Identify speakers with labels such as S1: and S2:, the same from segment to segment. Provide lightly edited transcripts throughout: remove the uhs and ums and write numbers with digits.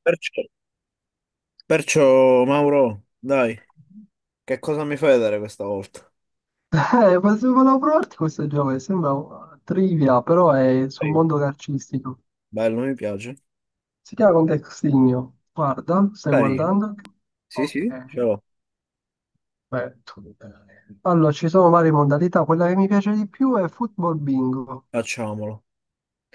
S1: Perciò, perciò, Mauro, dai, che cosa mi fai vedere questa volta?
S2: Volevo provarti questo gioco che sembra trivia, però è sul
S1: Dai,
S2: mondo calcistico.
S1: bello, mi piace.
S2: Si chiama Contextinho. Guarda, stai
S1: Carino.
S2: guardando?
S1: Sì,
S2: Ok,
S1: sì. Ce l'ho.
S2: perfetto. Allora, ci sono varie modalità. Quella che mi piace di più è football bingo.
S1: Facciamolo.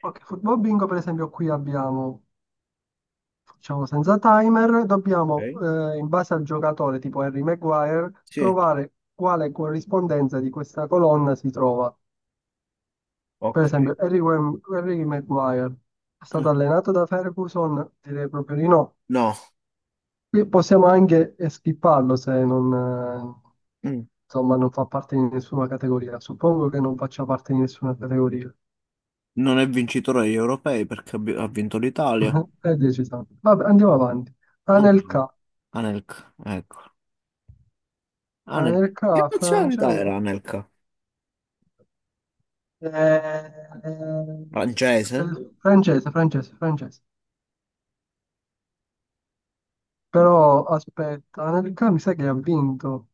S2: Ok, football bingo, per esempio, qui abbiamo, facciamo senza timer, dobbiamo,
S1: Ok.
S2: in base al giocatore, tipo Harry Maguire,
S1: Sì,
S2: trovare quale corrispondenza di questa colonna si trova. Per
S1: ok.
S2: esempio, Harry Maguire è
S1: Eh,
S2: stato allenato da Ferguson? Direi proprio di no.
S1: no,
S2: Qui possiamo anche skipparlo se non,
S1: mm,
S2: insomma, non fa parte di nessuna categoria. Suppongo che non faccia parte di nessuna categoria.
S1: non è vincitore agli europei perché ha vinto l'Italia.
S2: È deciso. Vabbè, andiamo avanti.
S1: Mm.
S2: Anelka.
S1: Anelka, ecco. Anelka. Che
S2: Anelka
S1: nazionalità
S2: francese.
S1: era Anelka?
S2: Eh,
S1: Francese?
S2: Francese, francese, francese. Però aspetta, Anelka mi sa che ha vinto.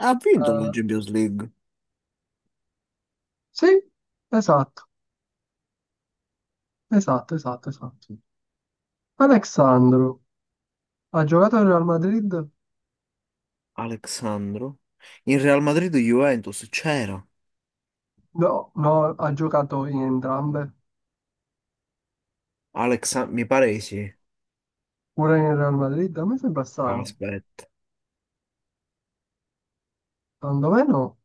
S1: Ha vinto la
S2: Eh,
S1: Champions League.
S2: sì, esatto. Esatto, esatto, esatto. Alexandro ha giocato in Real Madrid?
S1: Alexandro. In Real Madrid Juventus c'era.
S2: No, no, ha giocato in entrambe.
S1: Mi pare di sì.
S2: Pure in Real Madrid? A me sembra
S1: Ah,
S2: strano.
S1: aspetta.
S2: Secondo me no.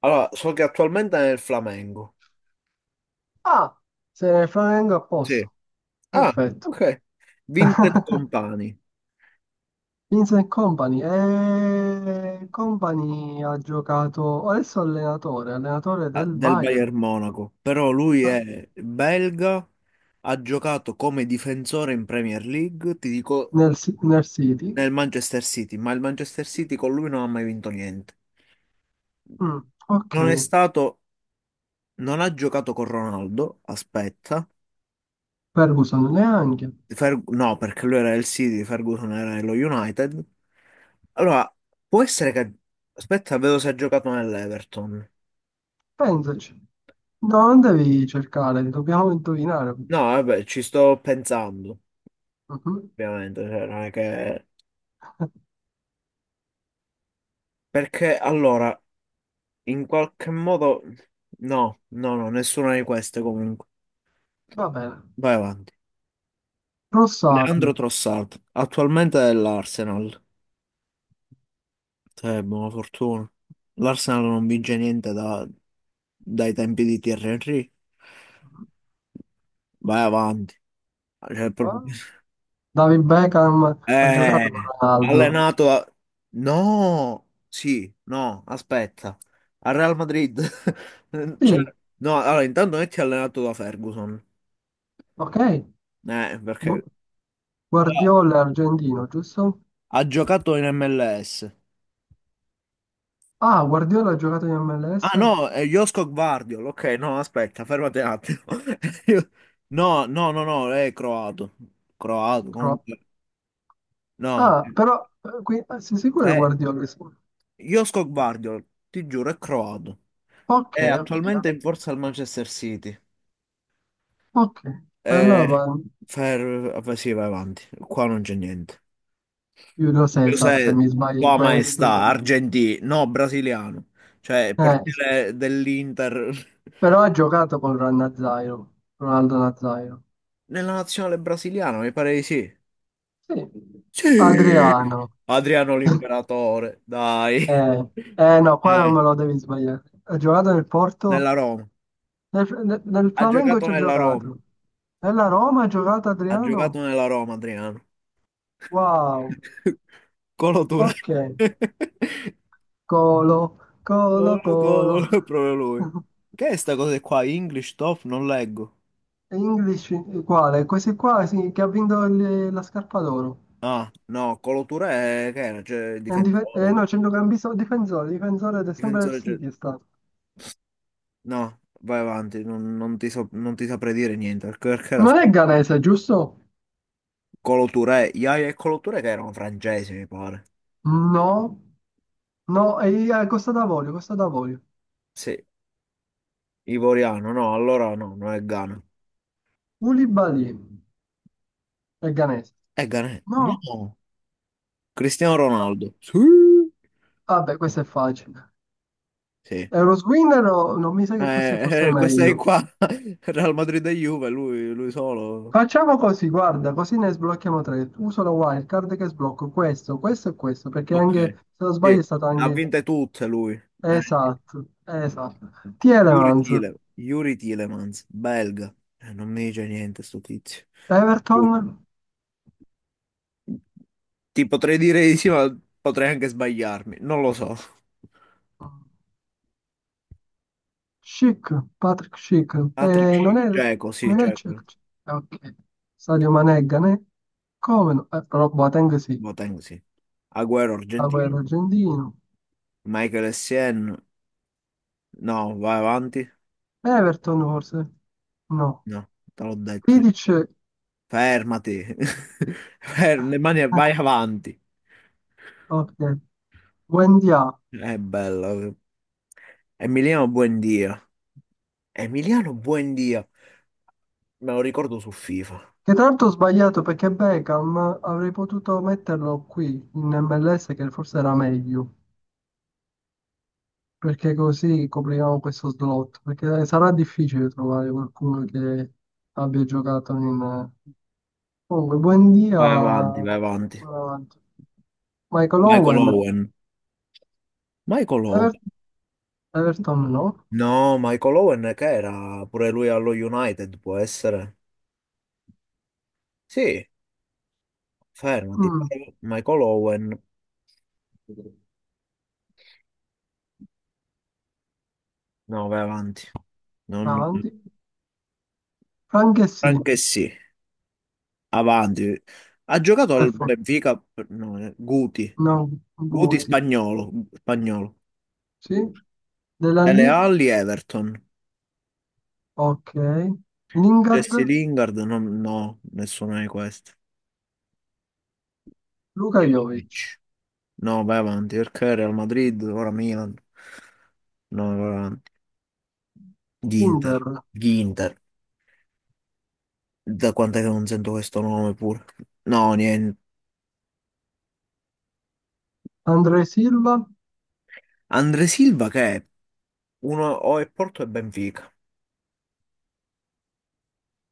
S1: Allora, so che attualmente è nel Flamengo.
S2: Ah, se ne Flamengo a
S1: Sì.
S2: posto.
S1: Ah,
S2: Perfetto.
S1: ok. Vincent Company,
S2: Vincent Company. Company ha giocato, adesso è allenatore, allenatore del
S1: del
S2: Bayern,
S1: Bayern Monaco, però lui
S2: ah,
S1: è belga, ha giocato come difensore in Premier League, ti dico,
S2: nel City.
S1: nel Manchester City, ma il Manchester City con lui non ha mai vinto niente.
S2: Mm, ok.
S1: Non è stato, non ha giocato con Ronaldo, aspetta,
S2: Ferguson neanche.
S1: No, perché lui era il City, Ferguson era lo United. Allora, può essere che, aspetta, vedo se ha giocato nell'Everton.
S2: Pensaci. No, non devi cercare, dobbiamo indovinare.
S1: No, vabbè, ci sto pensando,
S2: Mhm.
S1: ovviamente, cioè, non è che... Perché allora, in qualche modo... No, no, no, nessuna di queste comunque.
S2: Va bene.
S1: Vai avanti.
S2: Rossard.
S1: Leandro Trossard, attualmente è l'Arsenal. Cioè, buona fortuna. L'Arsenal non vince niente da- dai tempi di Thierry Henry. Vai avanti. Cioè, proprio...
S2: Ah, David Beckham ha
S1: Eh,
S2: giocato con Ronaldo.
S1: allenato a... No, sì, no, aspetta. Al Real Madrid. Cioè,
S2: Sì,
S1: no, allora intanto non è che è allenato da Ferguson.
S2: ok.
S1: Perché...
S2: Gu-
S1: Ah,
S2: Guardiola è argentino, giusto?
S1: ha giocato in MLS.
S2: Ah, Guardiola ha giocato in
S1: Ah
S2: MLS?
S1: no, è Josko Gvardiol. Ok, no, aspetta, fermati un attimo. Io- no, no, no, no, è croato. Croato,
S2: Cro-
S1: comunque. No,
S2: Ah, però qui, sei sicuro che
S1: è
S2: Guardiola?
S1: Josko Gvardiol, ti giuro, è croato.
S2: Ok,
S1: È
S2: ok,
S1: attualmente in forza al Manchester City.
S2: ok. Allora
S1: Eh,
S2: va
S1: sì, vai avanti. Qua non c'è niente.
S2: Giulio Cesar, se
S1: Cos'è,
S2: mi sbaglio in
S1: tua maestà,
S2: questo.
S1: argentino? No, brasiliano. Cioè, il
S2: Eh,
S1: portiere dell'Inter.
S2: Però ha giocato con Ronaldo Nazairo.
S1: Nella nazionale brasiliana, mi pare di sì.
S2: Sì,
S1: Sì!
S2: Adriano.
S1: Adriano l'imperatore, dai.
S2: No, qua non
S1: Eh,
S2: me lo devi sbagliare. Ha giocato nel
S1: nella
S2: Porto?
S1: Roma.
S2: Nel
S1: Ha
S2: Flamengo
S1: giocato
S2: ci ha
S1: nella Roma.
S2: giocato. Nella Roma ha giocato
S1: Ha giocato
S2: Adriano?
S1: nella Roma, Adriano.
S2: Wow.
S1: Colo Touré.
S2: Ok. Colo,
S1: Gol,
S2: colo, colo.
S1: gol, proprio lui. Che è sta cosa qua? English top? Non leggo.
S2: English, quale? Questi qua sì, che ha vinto la scarpa d'oro.
S1: Ah, no, Coloture è... che era? Cioè, il
S2: È un
S1: difensore.
S2: no, centrocampista difensore, difensore del sempre del
S1: Difensore, cioè...
S2: City è stato.
S1: No, vai avanti, non non ti saprei dire niente, perché, perché era...
S2: Non è ghanese, giusto?
S1: Coloture, Yaya e Coloture che erano francesi, mi pare.
S2: No. No, è a Costa d'Avorio, Costa d'Avorio.
S1: Sì, ivoriano, no, allora no, non è Ghana.
S2: Koulibaly è ghanese.
S1: È Ghana?
S2: No,
S1: No, Cristiano Ronaldo. Sì.
S2: ah, vabbè, questo è facile.
S1: Sì.
S2: Euroswin no, non mi sa che questo è forse
S1: Questa è
S2: meglio.
S1: qua, Real Madrid e Juve, lui solo.
S2: Facciamo così, guarda, così ne sblocchiamo tre. Uso la wildcard che sblocco questo, questo e questo, perché
S1: Ok,
S2: anche, se non
S1: sì,
S2: sbaglio, è stato
S1: ha
S2: anche.
S1: vinte tutte lui. Sì.
S2: Esatto, esatto. Tielemans,
S1: Yuri Tilemans, belga. Non mi dice niente sto tizio. Sì.
S2: Everton.
S1: Ti potrei dire di sì, ma potrei anche sbagliarmi. Non lo so.
S2: Schick, Patrick Schick.
S1: Patrick
S2: Eh, non
S1: Schick,
S2: è,
S1: cieco, sì,
S2: non è
S1: cieco.
S2: Ok, Sadio Mané è Ghanè? Come no? Però Boateng sì.
S1: Boateng, sì. Agüero,
S2: Agüero
S1: argentino.
S2: argentino,
S1: Michael Essien, no, vai avanti.
S2: Everton forse, no,
S1: No, te l'ho detto. Io.
S2: Vidic,
S1: Fermati. Le mani e vai avanti.
S2: ok, Wendia,
S1: È bello. Emiliano Buendia. Emiliano Buendia. Me lo ricordo su FIFA.
S2: che tra l'altro ho sbagliato perché Beckham avrei potuto metterlo qui in MLS che forse era meglio, perché così copriamo questo slot, perché sarà difficile trovare qualcuno che abbia giocato in. Comunque, buon dia,
S1: Vai avanti, vai avanti.
S2: avanti. Michael
S1: Michael
S2: Owen,
S1: Owen. Michael Owen.
S2: Ever- Everton no.
S1: No, Michael Owen che era pure lui allo United, può essere. Sì, fermati.
S2: Mm,
S1: Michael Owen. No, vai avanti. Non...
S2: Avanti. Frank sì,
S1: Anche sì, avanti. Ha giocato al
S2: perfetto,
S1: Benfica, no, Guti.
S2: no,
S1: Guti
S2: Guti,
S1: spagnolo, spagnolo.
S2: sì, Della
S1: Dele
S2: lì,
S1: Alli Everton.
S2: ok, Lingard,
S1: Jesse Lingard, no, no, nessuno di questi.
S2: Luka Jovic,
S1: Vidic. No, vai avanti, perché Real Madrid, ora Milan. No, vai avanti. Ginter.
S2: Cinder,
S1: Ginter. Da quant'è che non sento questo nome pure? No, niente.
S2: Andre Silva,
S1: Andre Silva che è? Uno o è Porto e Benfica.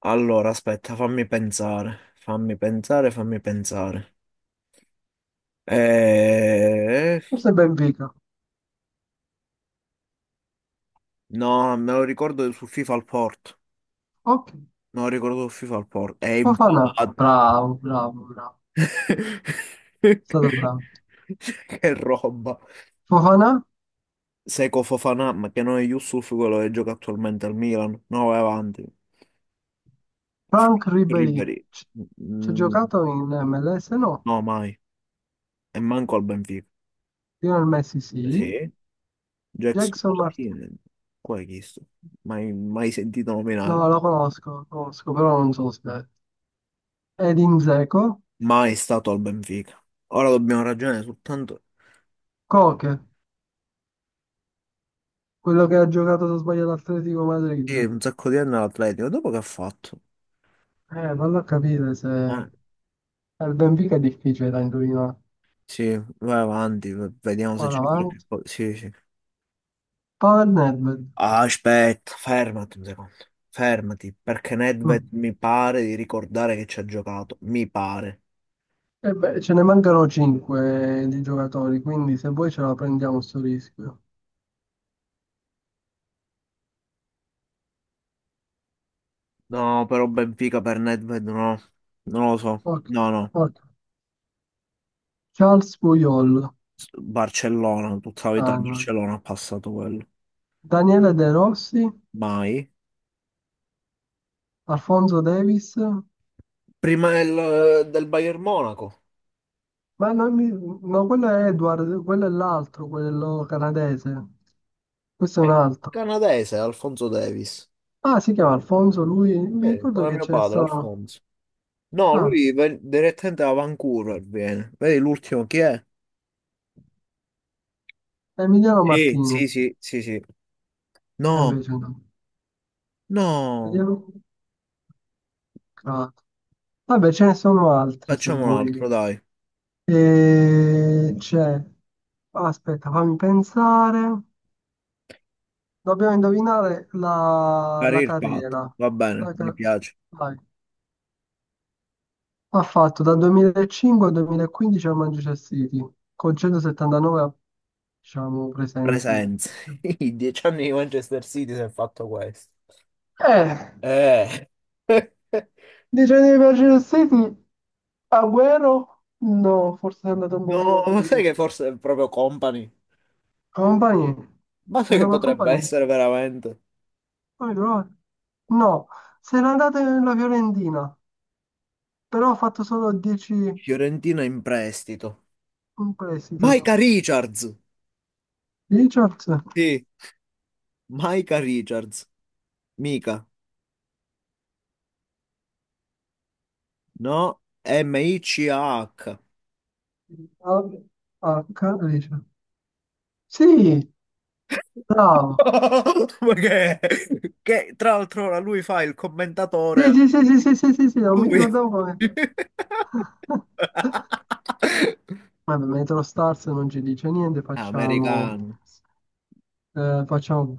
S1: Allora, aspetta, fammi pensare. Fammi pensare, fammi pensare. Eh,
S2: forse Benfica,
S1: No, me lo ricordo su FIFA al Porto.
S2: ok.
S1: Me lo ricordo su FIFA al Porto. È in...
S2: Fofana, bravo, bravo, bravo, è stato bravo.
S1: Che roba.
S2: Fofana,
S1: Seco Fofana, ma che non è Yusuf quello che gioca attualmente al Milan. No, vai avanti.
S2: Frank Ribéry,
S1: Ribéry.
S2: ci ci ha
S1: Mm,
S2: giocato in MLS? No.
S1: no, mai. E manco al Benfica.
S2: Lionel Messi sì.
S1: Sì. Jackson
S2: Jackson Martin,
S1: Martinez. Qua è chi sto? Mai, mai sentito nominare.
S2: no, lo conosco, però non so se è. Ed Dzeko,
S1: Mai stato al Benfica. Ora dobbiamo ragionare soltanto.
S2: Koke, quello che ha giocato, se non sbaglio, all'Atletico
S1: Sì,
S2: Madrid.
S1: un sacco di anni all'Atletico. Dopo che ha fatto?
S2: Vallo a capire se.
S1: Eh,
S2: Il Benfica è difficile da indovinare.
S1: sì, vai avanti, vediamo se
S2: Qua
S1: c'è qualche
S2: davanti.
S1: cosa. Sì, sì.
S2: Pavel Nedved.
S1: Ah, aspetta, fermati un secondo. Fermati, perché Nedved
S2: Mm.
S1: mi pare di ricordare che ci ha giocato. Mi pare.
S2: E beh, ce ne mancano 5 di giocatori, quindi se vuoi ce la prendiamo sto rischio.
S1: No, però Benfica per Nedved no. Non lo so.
S2: Ok,
S1: No, no.
S2: ok. Charles Puyol,
S1: Barcellona, tutta la vita al
S2: ah, no.
S1: Barcellona ha passato quello.
S2: Daniele De Rossi,
S1: Mai.
S2: Alfonso Davis,
S1: Prima del Bayern Monaco.
S2: ma non mi. No, quello è Edward, quello è l'altro, quello canadese. Questo è un
S1: Eh,
S2: altro.
S1: canadese, Alfonso Davis.
S2: Ah, si chiama Alfonso, lui, mi ricordo
S1: Come
S2: che
S1: mio
S2: c'è
S1: padre,
S2: stato.
S1: Alfonso. No,
S2: Ah,
S1: direttamente da Vancouver viene. Vedi l'ultimo chi è?
S2: Emiliano
S1: Sì, sì,
S2: Martinez,
S1: sì, sì, sì.
S2: e
S1: No,
S2: invece no.
S1: no.
S2: Emiliano- Ah. Vabbè, ce ne sono altri se
S1: Facciamo un altro,
S2: vuoi.
S1: dai.
S2: E c'è, aspetta, fammi pensare. Dobbiamo indovinare la
S1: Career path,
S2: carriera.
S1: va bene,
S2: La
S1: mi
S2: ca-
S1: piace.
S2: Vai. Ha fatto dal 2005 al 2015 a Manchester City, con 179, diciamo, presenze.
S1: Presenze. I 10 anni di Manchester City si è fatto questo.
S2: Eh,
S1: Eh.
S2: dice di Manchester City, Agüero? No, forse è andato un
S1: No,
S2: pochino
S1: ma
S2: prima.
S1: sai che forse è proprio Company?
S2: Compagni?
S1: Ma
S2: È
S1: sai che
S2: una
S1: potrebbe
S2: compagnia?
S1: essere veramente?
S2: Poi no, no, se n'è andato nella Fiorentina. Però ho fatto solo 10,
S1: Fiorentina in prestito.
S2: un prestito.
S1: Micah Richards!
S2: Richards?
S1: Sì, Micah Richards. Mica. No, M-I-C-A-H.
S2: Al- H. Richard. Sì, bravo.
S1: No, perché che, tra l'altro ora lui fa il
S2: Sì,
S1: commentatore.
S2: sì, sì, sì, sì, sì, sì, sì, non mi
S1: Lui.
S2: ricordavo come. Vabbè, Metro Stars non ci dice niente, facciamo.
S1: Americano.
S2: eh, facciamo...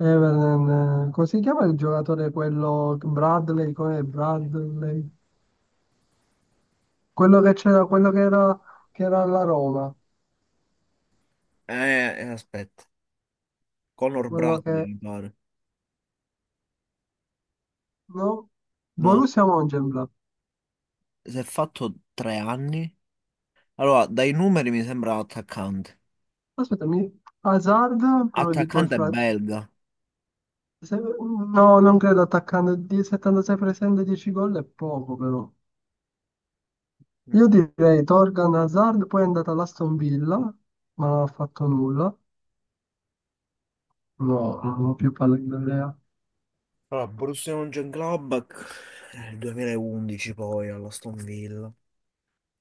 S2: Everton, come si chiama il giocatore quello Bradley? Com'è Bradley? Quello che c'era, quello che era alla Roma,
S1: Eh, aspetta. Conor
S2: quello
S1: Bradley,
S2: che.
S1: mi pare.
S2: No?
S1: No,
S2: Borussia Mönchengladbach.
S1: si è fatto 3 anni. Allora, dai numeri mi sembra attaccante.
S2: Aspettami, Hazard, però dico il
S1: Attaccante è
S2: fratello.
S1: belga.
S2: No, non credo attaccando di 76 presenze 10 gol è poco però. Io direi Torgan Hazard, poi è andata all'Aston Villa, ma non ha fatto nulla. No, non ho più palle di idea.
S1: Allora, Borussia Mönchengladbach nel 2011 poi alla Aston Villa.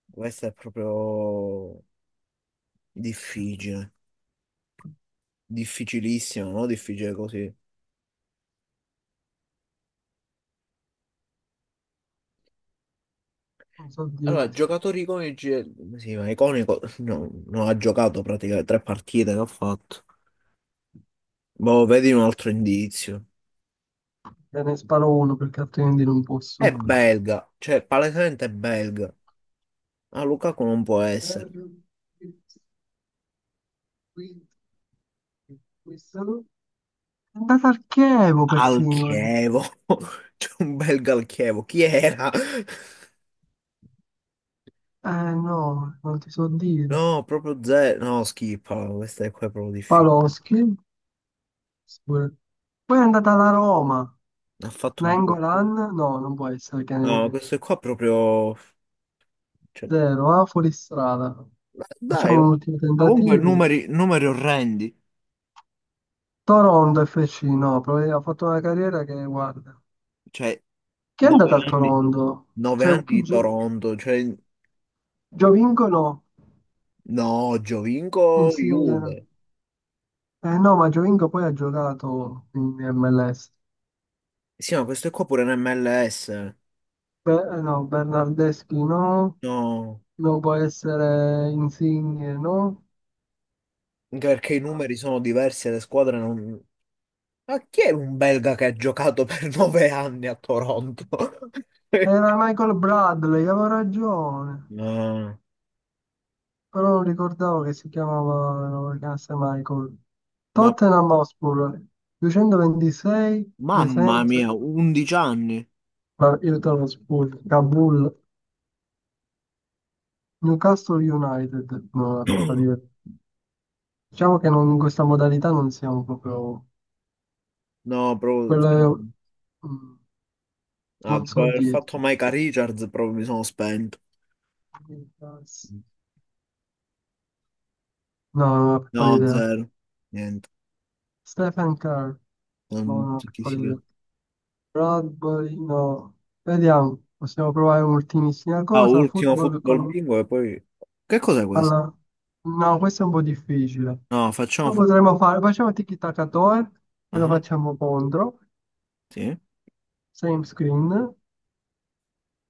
S1: Questa è proprio difficile, difficilissimo, no? Difficile così.
S2: Non so
S1: Allora,
S2: dirti.
S1: giocatori iconici, sì, ma iconico, no, non ha giocato praticamente tre partite che ha fatto. Boh, vedi un altro indizio.
S2: Te ne sparo uno perché altrimenti non posso.
S1: È belga, cioè palesemente è belga. Ah, Lukaku non può
S2: Per
S1: essere.
S2: il quinto, questo. È andata al Chievo
S1: Al
S2: persino.
S1: Chievo, c'è un belga al Chievo, chi era?
S2: Eh no, non ti so dire.
S1: No, proprio zero, no, schifo, questa è qua è proprio difficile.
S2: Paloschi. Sicuro. Poi è andata alla Roma,
S1: Ne ha fatto due.
S2: Nangolan, no, non può essere che
S1: No, questo qua è proprio... cioè,
S2: zero, ah, fuoristrada.
S1: ma dai,
S2: Facciamo
S1: ma
S2: un ultimo
S1: comunque
S2: tentativo.
S1: numeri, numeri orrendi,
S2: Toronto FC, no, probabilmente ha fatto una carriera che, guarda.
S1: cioè
S2: Chi è
S1: 9
S2: andato al
S1: anni,
S2: Toronto?
S1: nove
S2: Cioè,
S1: anni di Toronto, cioè
S2: Giovinco no,
S1: no, Giovinco,
S2: Insigne.
S1: Juve.
S2: Eh no, ma Giovinco poi ha giocato in MLS.
S1: Sì, ma questo è qua pure in MLS.
S2: Be- no, Bernardeschi no,
S1: No,
S2: non può essere Insigne no.
S1: anche perché i numeri sono diversi e le squadre non... Ma chi è un belga che ha giocato per 9 anni a Toronto?
S2: Era Michael Bradley, avevo ragione,
S1: No,
S2: però non ricordavo che si chiamava, lo chiamasse Michael.
S1: ma
S2: Tottenham Hotspur, 226
S1: mamma
S2: presenze,
S1: mia, 11 anni.
S2: ma io te lo sputo, Kabul, Newcastle United, no, vabbè, per dire. Diciamo che in questa modalità non siamo proprio,
S1: No, proprio...
S2: quello
S1: sì.
S2: è- mm,
S1: Ah,
S2: non
S1: dopo
S2: so
S1: aver fatto
S2: dirti.
S1: Micah Richards, proprio mi sono spento.
S2: No, non ho la piccola
S1: No,
S2: idea.
S1: zero. Niente,
S2: Stephen Kerr, non
S1: non
S2: ho la
S1: so chi
S2: piccola
S1: sia.
S2: idea. Rugby, no. Vediamo, possiamo provare un'ultimissima
S1: Ah,
S2: cosa.
S1: ultimo
S2: Football
S1: football
S2: con.
S1: bingo e poi... Che cos'è questo?
S2: alla- No, questo è un po' difficile.
S1: No, facciamo
S2: Lo
S1: football.
S2: potremmo fare, facciamo tiki-taka-toe e lo
S1: Ah,
S2: facciamo contro.
S1: sì.
S2: Same screen.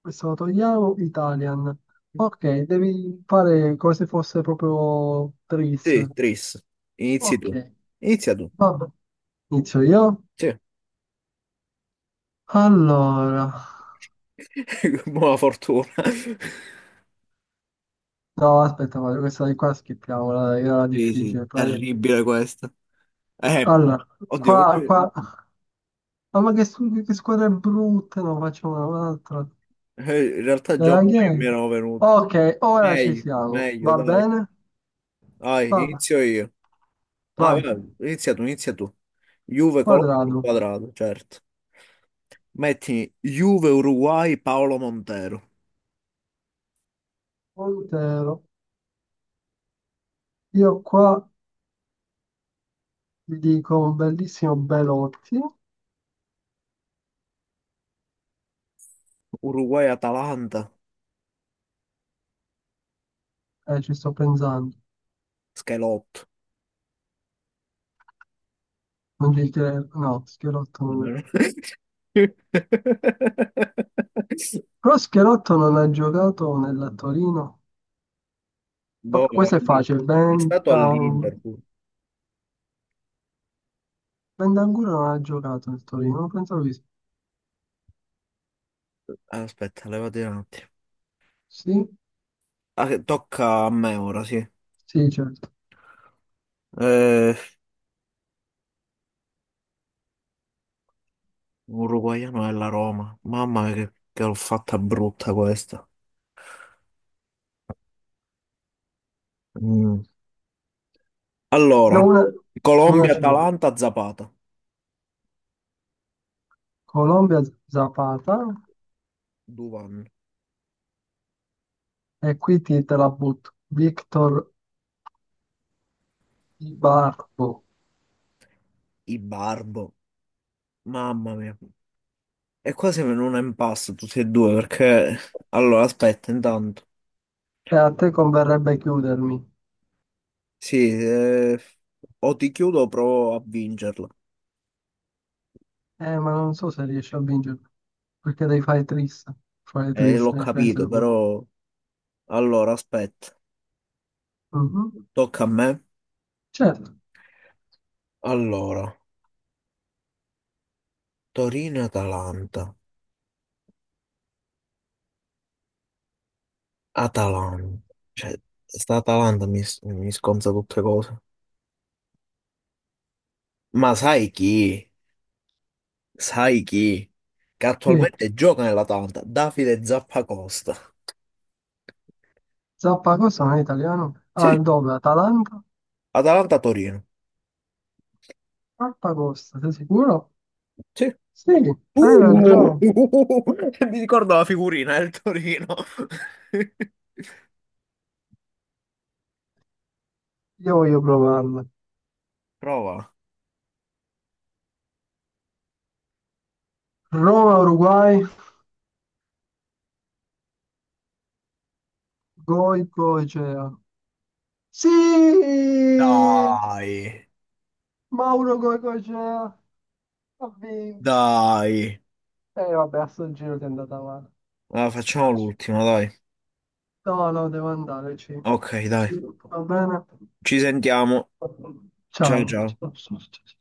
S2: Questo lo togliamo, Italian. Ok, devi fare come se fosse proprio tris.
S1: Sì, tris. Inizi
S2: Ok,
S1: tu. Inizia tu.
S2: vabbè. Inizio io.
S1: Sì.
S2: Allora.
S1: Buona fortuna.
S2: No, aspetta, guarda, questa di qua schippiamola, dai, era
S1: Sì, sì,
S2: difficile. Dai.
S1: terribile questo. Eh,
S2: Allora,
S1: oddio,
S2: qua,
S1: oggi-
S2: qua. Ah, ma che, che squadra è brutta, no, facciamo un'altra.
S1: In realtà già un
S2: Chi
S1: paio
S2: è?
S1: mi erano venuti.
S2: Ok, ora ci
S1: Meglio,
S2: siamo.
S1: meglio,
S2: Va
S1: dai.
S2: bene?
S1: Dai,
S2: Va-
S1: inizio io. Ah,
S2: Vai.
S1: guarda, inizia tu, inizia tu. Juve, Colombo e
S2: Quadrato,
S1: Quadrado, certo. Metti Juve, Uruguay, Paolo Montero.
S2: Montero. Io qua ti dico un bellissimo Belotti.
S1: Uruguay, Atalanta,
S2: Ci sto pensando.
S1: Schelotto.
S2: Non ci credo. No, Schelotto non è. Però Schelotto non ha giocato nella Torino. Vabbè,
S1: Boh,
S2: questo è
S1: lì-
S2: facile.
S1: è stato
S2: Bentancur.
S1: all'Inter pure.
S2: Bentancur non ha giocato nel Torino. Non pensavo di
S1: Aspetta, levati un attimo.
S2: sì.
S1: Ah, che tocca a me ora, sì.
S2: Sì, certo.
S1: Eh, uruguaiano è la Roma. Mamma mia, che l'ho fatta brutta questa. Mm.
S2: E
S1: Allora,
S2: una
S1: Colombia,
S2: ce l'ho.
S1: Atalanta, Zapata,
S2: Colombia Zapata
S1: Duvan,
S2: e qui ti te la butto. Victor Ibarbo.
S1: i Barbo, mamma mia. E qua siamo in un impasse tutti e due perché... Allora, aspetta, intanto.
S2: E a te converrebbe chiudermi.
S1: Sì, o ti chiudo o provo a vincerla.
S2: Ma non so se riesci a vincere, perché devi fare triste. Fare
S1: L'ho
S2: triste, devi
S1: capito,
S2: prendere punti.
S1: però... Allora, aspetta,
S2: Mhm.
S1: tocca a me.
S2: Certo.
S1: Allora, Torino-Atalanta, Atalanta. Cioè, sta Atalanta mi sconza tutte cose. Ma sai chi? Sai chi? Che
S2: Chi?
S1: attualmente gioca nell'Atalanta, Davide Zappacosta.
S2: Zappacosta non è italiano? Ah,
S1: Sì,
S2: dove? Atalanta?
S1: Atalanta-Torino.
S2: Zappacosta, sei sicuro?
S1: Sì.
S2: Sì, hai
S1: Uh,
S2: ragione.
S1: mi ricordo la figurina del Torino.
S2: Io voglio provarla.
S1: Prova.
S2: Roma, Uruguay, Goicea. Sì!
S1: Dai,
S2: Mauro Goigocea ha vinto.
S1: dai.
S2: Eh vabbè, a San Giro ti è andata male.
S1: Allora,
S2: Mi
S1: facciamo
S2: dispiace.
S1: l'ultima, dai.
S2: No, no, devo andare.
S1: Ok, dai.
S2: Ci- Va bene.
S1: Ci sentiamo. Ciao,
S2: Ciao.
S1: ciao.
S2: Ciao. Ciao.